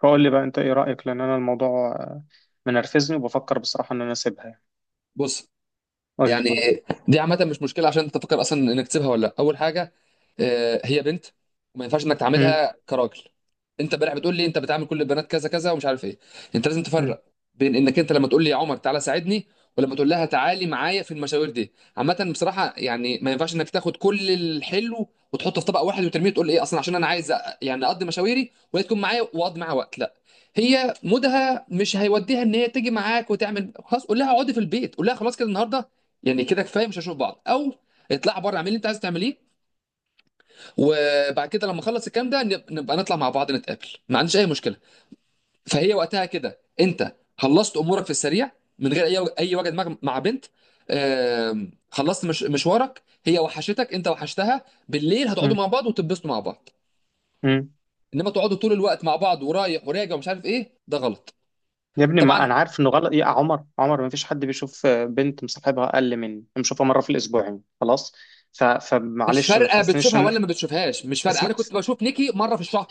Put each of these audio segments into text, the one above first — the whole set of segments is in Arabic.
قول لي بقى، انت ايه رأيك؟ لان انا الموضوع منرفزني، وبفكر بصراحة ان انا اسيبها يعني. بص. قول لي. يعني دي عامه، مش مشكله عشان انت تفكر اصلا انك تسيبها ولا لا. اول حاجه، هي بنت وما ينفعش انك مم، تعاملها كراجل. انت امبارح بتقول لي انت بتعامل كل البنات كذا كذا ومش عارف ايه. انت لازم مم، تفرق بين انك انت لما تقول لي يا عمر تعالى ساعدني، ولما تقول لها تعالي معايا في المشاوير. دي عامه بصراحه، يعني ما ينفعش انك تاخد كل الحلو وتحطه في طبق واحد وترميه. تقول ايه اصلا؟ عشان انا عايز يعني اقضي مشاويري وهي تكون معايا، واقضي معاها وقت، لا. هي مودها مش هيوديها ان هي تيجي معاك، وتعمل خلاص قول لها اقعدي في البيت، قول لها خلاص كده النهارده يعني كده كفايه، مش هنشوف بعض، او اطلع بره اعمل اللي انت عايز تعمليه، وبعد كده لما اخلص الكلام ده نبقى نطلع مع بعض نتقابل، ما عنديش اي مشكله. فهي وقتها كده انت خلصت امورك في السريع من غير اي وجد مع بنت. خلصت مش مشوارك، هي وحشتك، انت وحشتها، بالليل مم، هتقعدوا مع بعض وتتبسطوا مع بعض. مم. انما تقعدوا طول الوقت مع بعض ورايح وراجع ومش عارف ايه، ده غلط. يا ابني، ما طبعا. انا عارف انه غلط. إيه يا عمر؟ عمر ما فيش حد بيشوف بنت مصاحبها اقل مني بنشوفها مرة في الاسبوعين، خلاص. مش فمعلش، ما فارقه تحسنيش بتشوفها ولا ان... ما بتشوفهاش، مش فارقه. اسمع، انا كنت بشوف نيكي مره في الشهر،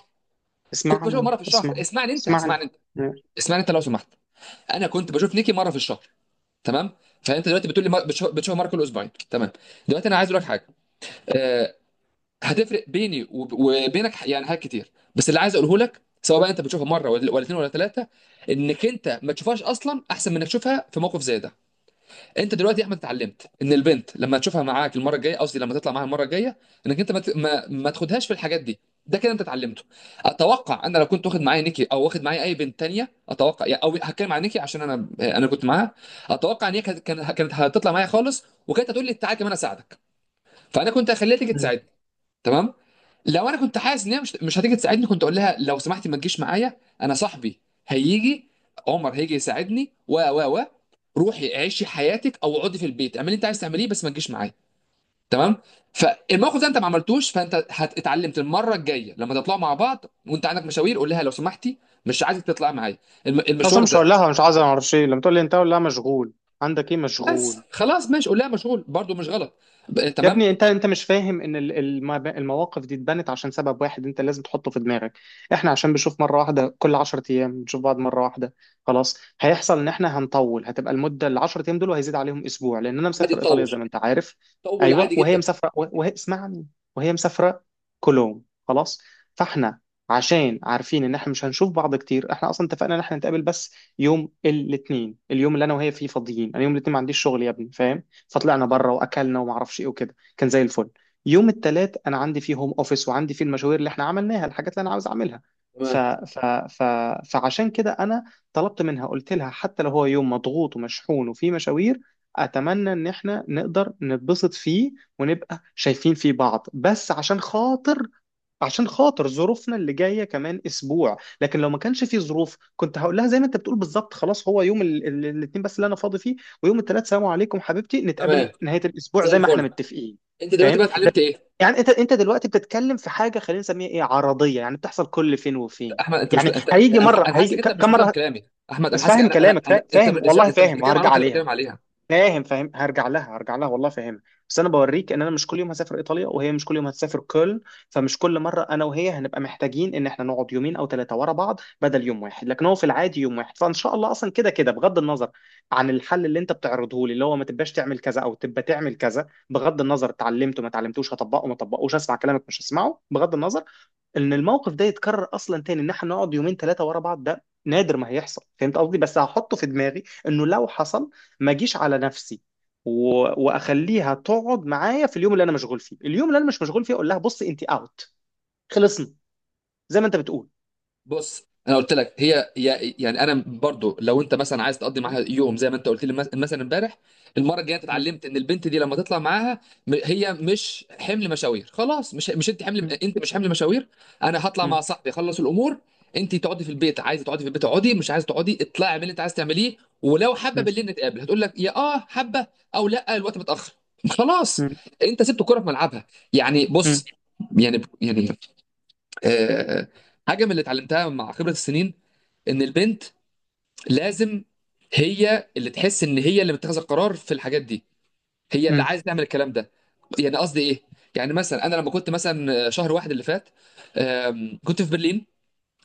كنت بشوفها اسمعني مره في الشهر. اسمع اسمعني انت، اسمعني. اسمعني انت، مم، اسمعني انت لو سمحت. انا كنت بشوف نيكي مره في الشهر، تمام؟ فانت دلوقتي بتقول لي بتشوف مره كل اسبوعين، تمام. دلوقتي انا عايز اقول لك حاجه، آه، هتفرق بيني وبينك يعني حاجات كتير. بس اللي عايز اقوله لك، سواء بقى انت بتشوفها مره ولا اتنين ولا ثلاثه، انك انت ما تشوفهاش اصلا احسن من انك تشوفها في موقف زي ده. انت دلوقتي يا احمد اتعلمت ان البنت لما تشوفها معاك المره الجايه، قصدي لما تطلع معاها المره الجايه، انك انت ما ت- ما, ما تاخدهاش في الحاجات دي. ده كده انت اتعلمته. اتوقع انا لو كنت واخد معايا نيكي او واخد معايا اي بنت تانية، اتوقع يعني، او هتكلم عن نيكي عشان انا كنت معاها، اتوقع ان هي كانت كانت هتطلع معايا خالص، وكانت هتقول لي تعالى كمان اساعدك، فانا كنت هخليها تيجي مم. تساعدني، تمام. لو انا كنت حاسس ان هي مش هتيجي تساعدني، كنت اقول لها لو سمحتي ما تجيش معايا، انا صاحبي هيجي، عمر هيجي يساعدني، و روحي عيشي حياتك، او اقعدي في البيت اعملي اللي انت عايز تعمليه، بس ما تجيش معايا، تمام. فالموقف ده انت ما عملتوش، فانت اتعلمت المره الجايه لما تطلعوا مع بعض وانت عندك مشاوير، قول لها لو سمحتي مش عايزك تطلعي معايا اصلا المشوار مش هقول ده. لها. مش عايز اعرف شيء. لما تقول لي انت، هقول لها مشغول. عندك ايه؟ بس مشغول. خلاص، ماشي، قول لها مشغول، برضو مش غلط. يا تمام. ابني انت، مش فاهم ان المواقف دي اتبنت عشان سبب واحد انت لازم تحطه في دماغك. احنا عشان بنشوف مره واحده كل 10 ايام، بنشوف بعض مره واحده خلاص. هيحصل ان احنا هنطول، هتبقى المده ال 10 ايام دول وهيزيد عليهم اسبوع لان انا عادي مسافر ايطاليا تطول، زي ما انت عارف. طول ايوه، عادي وهي جدا. مسافره وهي... اسمعني. وهي مسافره كولوم، خلاص. فاحنا عشان عارفين ان احنا مش هنشوف بعض كتير، احنا اصلا اتفقنا ان احنا نتقابل بس يوم الاثنين، اليوم اللي انا وهي فيه فاضيين. انا يوم الاثنين ما عنديش شغل يا ابني، فاهم؟ فطلعنا بره واكلنا وما اعرفش ايه وكده، كان زي الفل. يوم الثلاث انا عندي فيه هوم اوفيس، وعندي فيه المشاوير اللي احنا عملناها، الحاجات اللي انا عاوز اعملها. ف... تمام. ف... ف... فعشان كده انا طلبت منها، قلت لها حتى لو هو يوم مضغوط ومشحون وفيه مشاوير، اتمنى ان احنا نقدر نتبسط فيه ونبقى شايفين فيه بعض، بس عشان خاطر ظروفنا اللي جايه كمان اسبوع. لكن لو ما كانش في ظروف، كنت هقول لها زي ما انت بتقول بالظبط، خلاص هو يوم الاثنين بس اللي انا فاضي فيه، ويوم الثلاث سلام عليكم حبيبتي، تمام. نتقابل نهايه الاسبوع زي زي ما احنا الفل. متفقين. انت دلوقتي فاهم بقى ده؟ اتعلمت ايه؟ يعني انت، دلوقتي بتتكلم في حاجه خلينا نسميها ايه، عرضيه، يعني بتحصل كل فين وفين. احمد، انت مش، يعني انت هيجي انا مره، انا حاسس هيجي انك انت مش كم بتفهم مره؟ كلامي. احمد، انا بس حاسس فاهم انا انا كلامك، انا انت، فاهم والله، انت مش فاهم بتتكلم عن وهرجع النقطه اللي عليها. بتكلم عليها. فاهم، فاهم، هرجع لها، هرجع لها والله، فاهمها. بس انا بوريك ان انا مش كل يوم هسافر ايطاليا، وهي مش كل يوم هتسافر كولن. فمش كل مره انا وهي هنبقى محتاجين ان احنا نقعد يومين او ثلاثه ورا بعض، بدل يوم واحد. لكن هو في العادي يوم واحد، فان شاء الله. اصلا كده كده، بغض النظر عن الحل اللي انت بتعرضه لي، اللي هو ما تبقاش تعمل كذا او تبقى تعمل كذا، بغض النظر اتعلمته ما اتعلمتوش، هطبقه ما طبقوش، اسمع كلامك مش هسمعه، بغض النظر، ان الموقف ده يتكرر اصلا تاني، ان احنا نقعد يومين ثلاثه ورا بعض، ده نادر ما هيحصل. فهمت قصدي؟ بس هحطه في دماغي انه لو حصل، ما اجيش على نفسي و... واخليها تقعد معايا في اليوم اللي انا مشغول فيه. اليوم اللي انا مش مشغول فيه، اقول لها بصي انت اوت، خلصنا، زي ما انت بتقول. بص، انا قلت لك هي يعني انا برضو لو انت مثلا عايز تقضي معاها يوم زي ما انت قلت لي مثلا امبارح، المره الجايه أنت مم. اتعلمت ان البنت دي لما تطلع معاها، هي مش حمل مشاوير، خلاص، مش انت، حمل، مم. انت مش حمل مشاوير. انا هطلع مع مم. صاحبي اخلص الامور، انت تقعدي في البيت، عايزه تقعدي في البيت اقعدي، مش عايزه تقعدي اطلعي اعملي اللي انت عايزه تعمليه، ولو حابه مم. بالليل نتقابل، هتقول لك يا اه حابه، او لا الوقت متاخر. خلاص، مم. انت سبت الكره في ملعبها. يعني مم. بص، يعني يعني، آه، حاجه من اللي اتعلمتها مع خبره السنين، ان البنت لازم هي اللي تحس ان هي اللي متخذه القرار في الحاجات دي، هي اللي مم. عايزه تعمل الكلام ده. يعني قصدي ايه؟ يعني مثلا انا لما كنت مثلا شهر واحد اللي فات، كنت في برلين،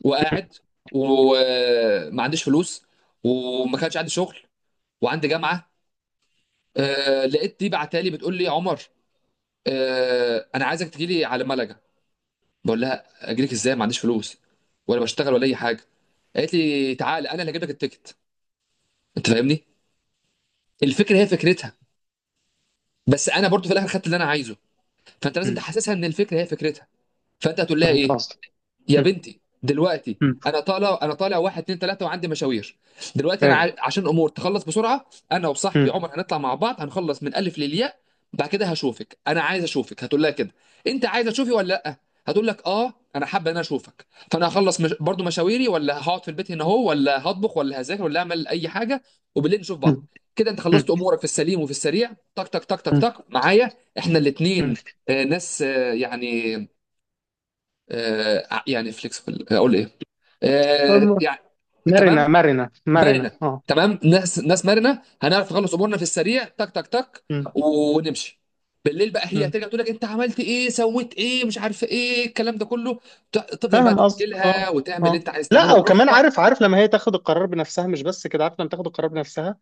وقاعد، وما عنديش فلوس، وما كانش عندي شغل، وعندي جامعه. لقيت دي بعتالي بتقول لي عمر، انا عايزك تجيلي على ملج. بقول لها اجيلك ازاي؟ ما عنديش فلوس ولا بشتغل ولا اي حاجه. قالت لي تعالى انا اللي هجيب لك التيكت. انت فاهمني، الفكره هي فكرتها، بس انا برضو في الاخر خدت اللي انا عايزه. فانت لازم مم. تحسسها ان الفكره هي فكرتها. فانت هتقول لها فهمت ايه؟ قصدك. يا مم. بنتي دلوقتي، مم. انا طالع، انا طالع واحد اتنين تلاته وعندي مشاوير، دلوقتي انا فاهم. عشان امور تخلص بسرعه، انا وصاحبي مم. عمر هنطلع مع بعض هنخلص من الف للياء، بعد كده هشوفك، انا عايز اشوفك. هتقول لها كده انت عايز تشوفي ولا لا؟ هتقول لك اه انا حابه ان انا اشوفك. فانا هخلص مش... برضو مشاويري، ولا هقعد في البيت هنا اهو، ولا هطبخ ولا هذاكر ولا اعمل اي حاجه، وبالليل نشوف مم. بعض. كده انت خلصت مم. امورك في السليم وفي السريع، تك تك تك تك تك معايا، احنا الاتنين ناس يعني يعني فليكسبل، اقول ايه، مم. يعني. مرنة تمام. مرنة مرنة، مرنه. اه. تمام، ناس مرنه، هنعرف نخلص امورنا في السريع، تك تك تك، مم. ونمشي. بالليل بقى، هي مم. هترجع تقول لك انت عملت ايه، سويت ايه، مش عارف ايه الكلام ده كله، تفضل بقى فاهم تحكي قصدك، لها اه، وتعمل اللي اه. انت عايز لا، تعمله وكمان براحتك. عارف، عارف لما هي تاخد القرار بنفسها. مش بس كده، عارف لما تاخد القرار بنفسها،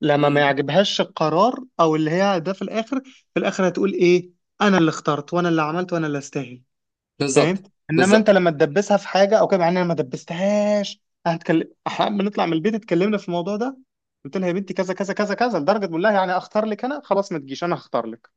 لما مم. ما يعجبهاش القرار او اللي هي ده، في الاخر، في الاخر هتقول ايه؟ انا اللي اخترت وانا اللي عملت وانا اللي استاهل. فاهم؟ بالظبط، انما انت بالظبط. لما تدبسها في حاجه او كده، مع ان انا ما دبستهاش. هنتكلم احنا، بنطلع من البيت، اتكلمنا في الموضوع ده، قلت لها يا بنتي كذا كذا كذا كذا، لدرجه بقول لها يعني اختار لك انا، خلاص ما تجيش، انا هختار لك.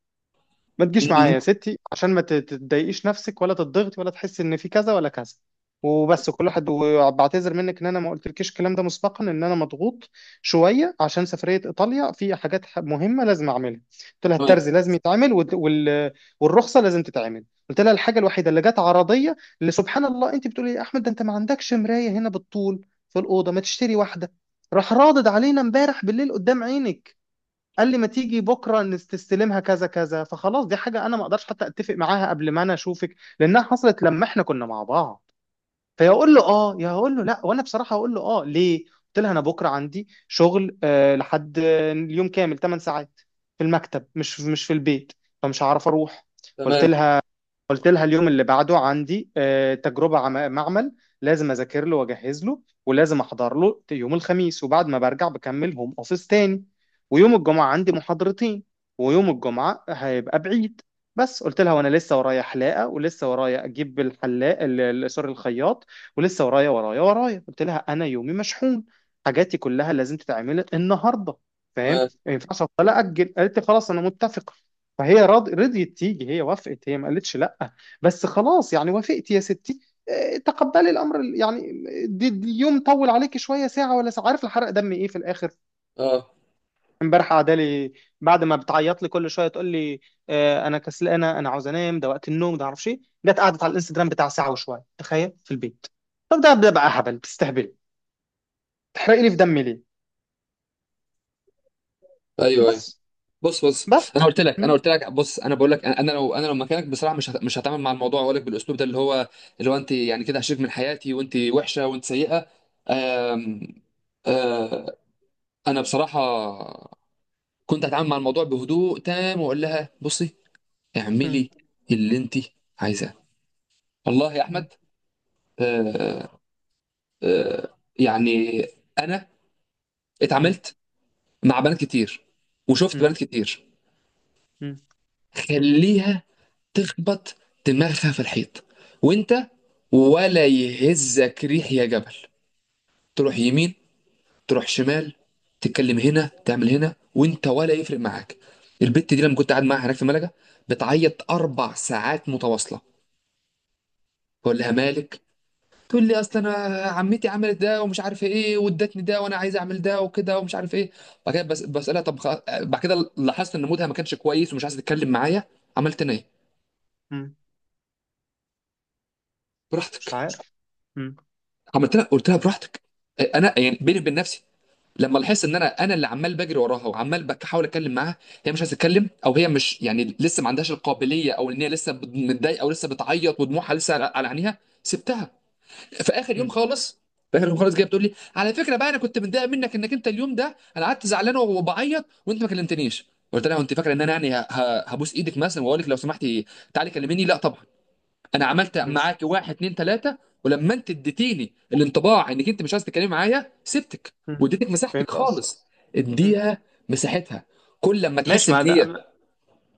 ما تجيش معايا مم. يا ستي، عشان ما تضايقيش نفسك ولا تضغطي ولا تحسي ان في كذا ولا كذا وبس، كل واحد. وبعتذر منك ان انا ما قلتلكيش الكلام ده مسبقا، ان انا مضغوط شويه عشان سفريه ايطاليا، في حاجات مهمه لازم اعملها. قلت لها تمام. الترزي لازم يتعمل، والرخصه لازم تتعمل. قلت لها الحاجه الوحيده اللي جت عرضيه، اللي سبحان الله، انت بتقولي إيه يا احمد؟ ده انت ما عندكش مرايه هنا بالطول في الاوضه، ما تشتري واحده؟ راح رادد علينا امبارح بالليل قدام عينك، قال لي ما تيجي بكره تستلمها كذا كذا. فخلاص دي حاجه انا ما اقدرش حتى اتفق معاها قبل ما انا اشوفك، لانها حصلت لما احنا كنا مع بعض. فيقول له اه يا هقول له لا؟ وانا بصراحه هقول له اه. ليه؟ قلت لها انا بكره عندي شغل آه، لحد اليوم كامل 8 ساعات في المكتب، مش في البيت، فمش هعرف اروح. قلت تمام. لها، قلت لها اليوم اللي بعده عندي تجربة معمل، لازم أذاكر له وأجهز له ولازم أحضر له يوم الخميس، وبعد ما برجع بكمل هوم أوفيس تاني. ويوم الجمعة عندي محاضرتين، ويوم الجمعة هيبقى بعيد. بس قلت لها، وأنا لسه ورايا حلاقة، ولسه ورايا أجيب الحلاق سوري الخياط، ولسه ورايا ورايا. قلت لها أنا يومي مشحون، حاجاتي كلها لازم تتعمل النهاردة، فاهم؟ تمام. ما ينفعش أفضل أجل. قالت لي خلاص أنا متفقة. رضيت تيجي، هي وافقت، هي ما قالتش لا، بس خلاص يعني وافقت يا ستي. تقبلي الامر يعني، دي يوم طول عليكي شويه، ساعه ولا ساعه، عارف الحرق دم ايه في الاخر؟ اه. امبارح قاعده لي، بعد ما بتعيط لي كل شويه تقول لي انا كسلانه، انا عاوز انام، ده وقت النوم ده، معرفش ايه، جت قعدت على الانستجرام بتاع ساعه وشويه، تخيل في البيت. طب ده بقى هبل، بتستهبلي، تحرقي لي في دمي ليه؟ ايوه، ايوه. بس. بص، بص، بس. انا قلت لك، م- انا قلت لك، بص، انا بقول لك، انا لو انا، لو مكانك بصراحه، مش هتعامل مع الموضوع واقول لك بالاسلوب ده، اللي هو اللي هو انت يعني كده هشيك من حياتي، وانت وحشه وانت سيئه. آم، آه، انا بصراحه كنت هتعامل مع الموضوع بهدوء تام، واقول لها بصي م- اعملي اللي انت عايزاه. والله يا م- احمد، آه، يعني انا م- اتعاملت مع بنات كتير، وشفت م- بنات كتير. م- خليها تخبط دماغها في الحيط، وانت ولا يهزك ريح يا جبل. تروح يمين، تروح شمال، تتكلم هنا، تعمل هنا، وانت ولا يفرق معاك. البت دي لما كنت قاعد معاها هناك في ملجا، بتعيط اربع ساعات متواصله، بقول لها مالك، تقول لي اصل انا عمتي عملت ده ومش عارف ايه، وادتني ده وانا عايز اعمل ده، وكده ومش عارف ايه. بعد كده بس بسالها طب بعد كده لاحظت ان مودها ما كانش كويس ومش عايزه تتكلم معايا. عملت انا ايه؟ م- مش براحتك. عارف. م- عملت لها، قلت لها براحتك. انا يعني بيني وبين نفسي لما لاحظت ان انا اللي عمال بجري وراها، وعمال بحاول اتكلم معاها، هي مش عايزه تتكلم، او هي مش يعني لسه ما عندهاش القابليه، او ان هي لسه متضايقه، او لسه بتعيط ودموعها لسه على عينيها، سبتها. في اخر يوم م- خالص، في اخر يوم خالص، جايه بتقول لي على فكره بقى، انا كنت متضايق منك، انك انت اليوم ده انا قعدت زعلان وبعيط وانت ما كلمتنيش. قلت لها انت فاكره ان انا يعني هبوس ايدك مثلا واقول لك لو سمحتي تعالي كلميني، لا طبعا. انا عملت م. معاك واحد اتنين تلاته، ولما انت اديتيني الانطباع انك انت مش عايز تتكلمي معايا، سبتك مم. واديتك مساحتك فهمت قصدك. خالص. مم. اديها مساحتها كل لما تحس ماشي. ان ما ده، هي.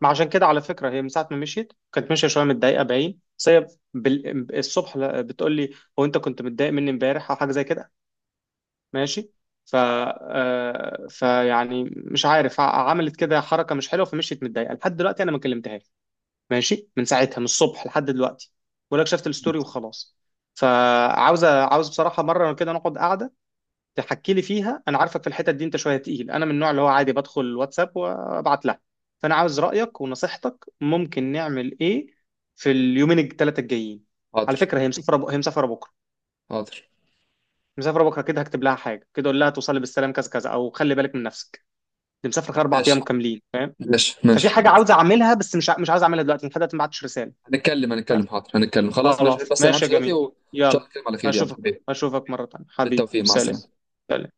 ما عشان كده على فكره، هي من ساعه ما مشيت كانت ماشيه شويه متضايقه، باين. بس هي الصبح بتقول لي هو انت كنت متضايق مني امبارح او حاجه زي كده؟ ماشي. ف فيعني، مش عارف، عملت كده حركه مش حلوه، فمشيت متضايقه. لحد دلوقتي انا ما كلمتهاش، ماشي، من ساعتها، من الصبح لحد دلوقتي، ولا شفت الستوري وخلاص. فعاوز، عاوز بصراحه مره كده نقعد قعده تحكي لي فيها. انا عارفك في الحتت دي انت شويه تقيل، انا من النوع اللي هو عادي بدخل الواتساب وابعت لها. فانا عاوز رايك ونصيحتك، ممكن نعمل ايه في اليومين الثلاثه الجايين؟ على فكره حاضر. هي مسافره هي مسافره بكره، حاضر. مسافره بكره. كده هكتب لها حاجه كده، اقول لها توصلي بالسلام كذا كذا، او خلي بالك من نفسك، دي مسافره اربع ماشي، ايام كاملين، فاهم؟ ماشي، ففي ماشي. حاجه عاوز اعملها بس مش مش عاوز اعملها دلوقتي. لحد دلوقتي ما بعتش رساله. هنتكلم، بس. هنتكلم، حاضر هنتكلم، خلاص ماشي، خلاص بس انا ماشي همشي يا دلوقتي، جميل، وان شاء الله يلا. نتكلم على خير، يلا اشوفك، حبيبي. اشوفك مره ثانيه حبيبي، بالتوفيق، مع سلام، السلامه. سلام، سلام.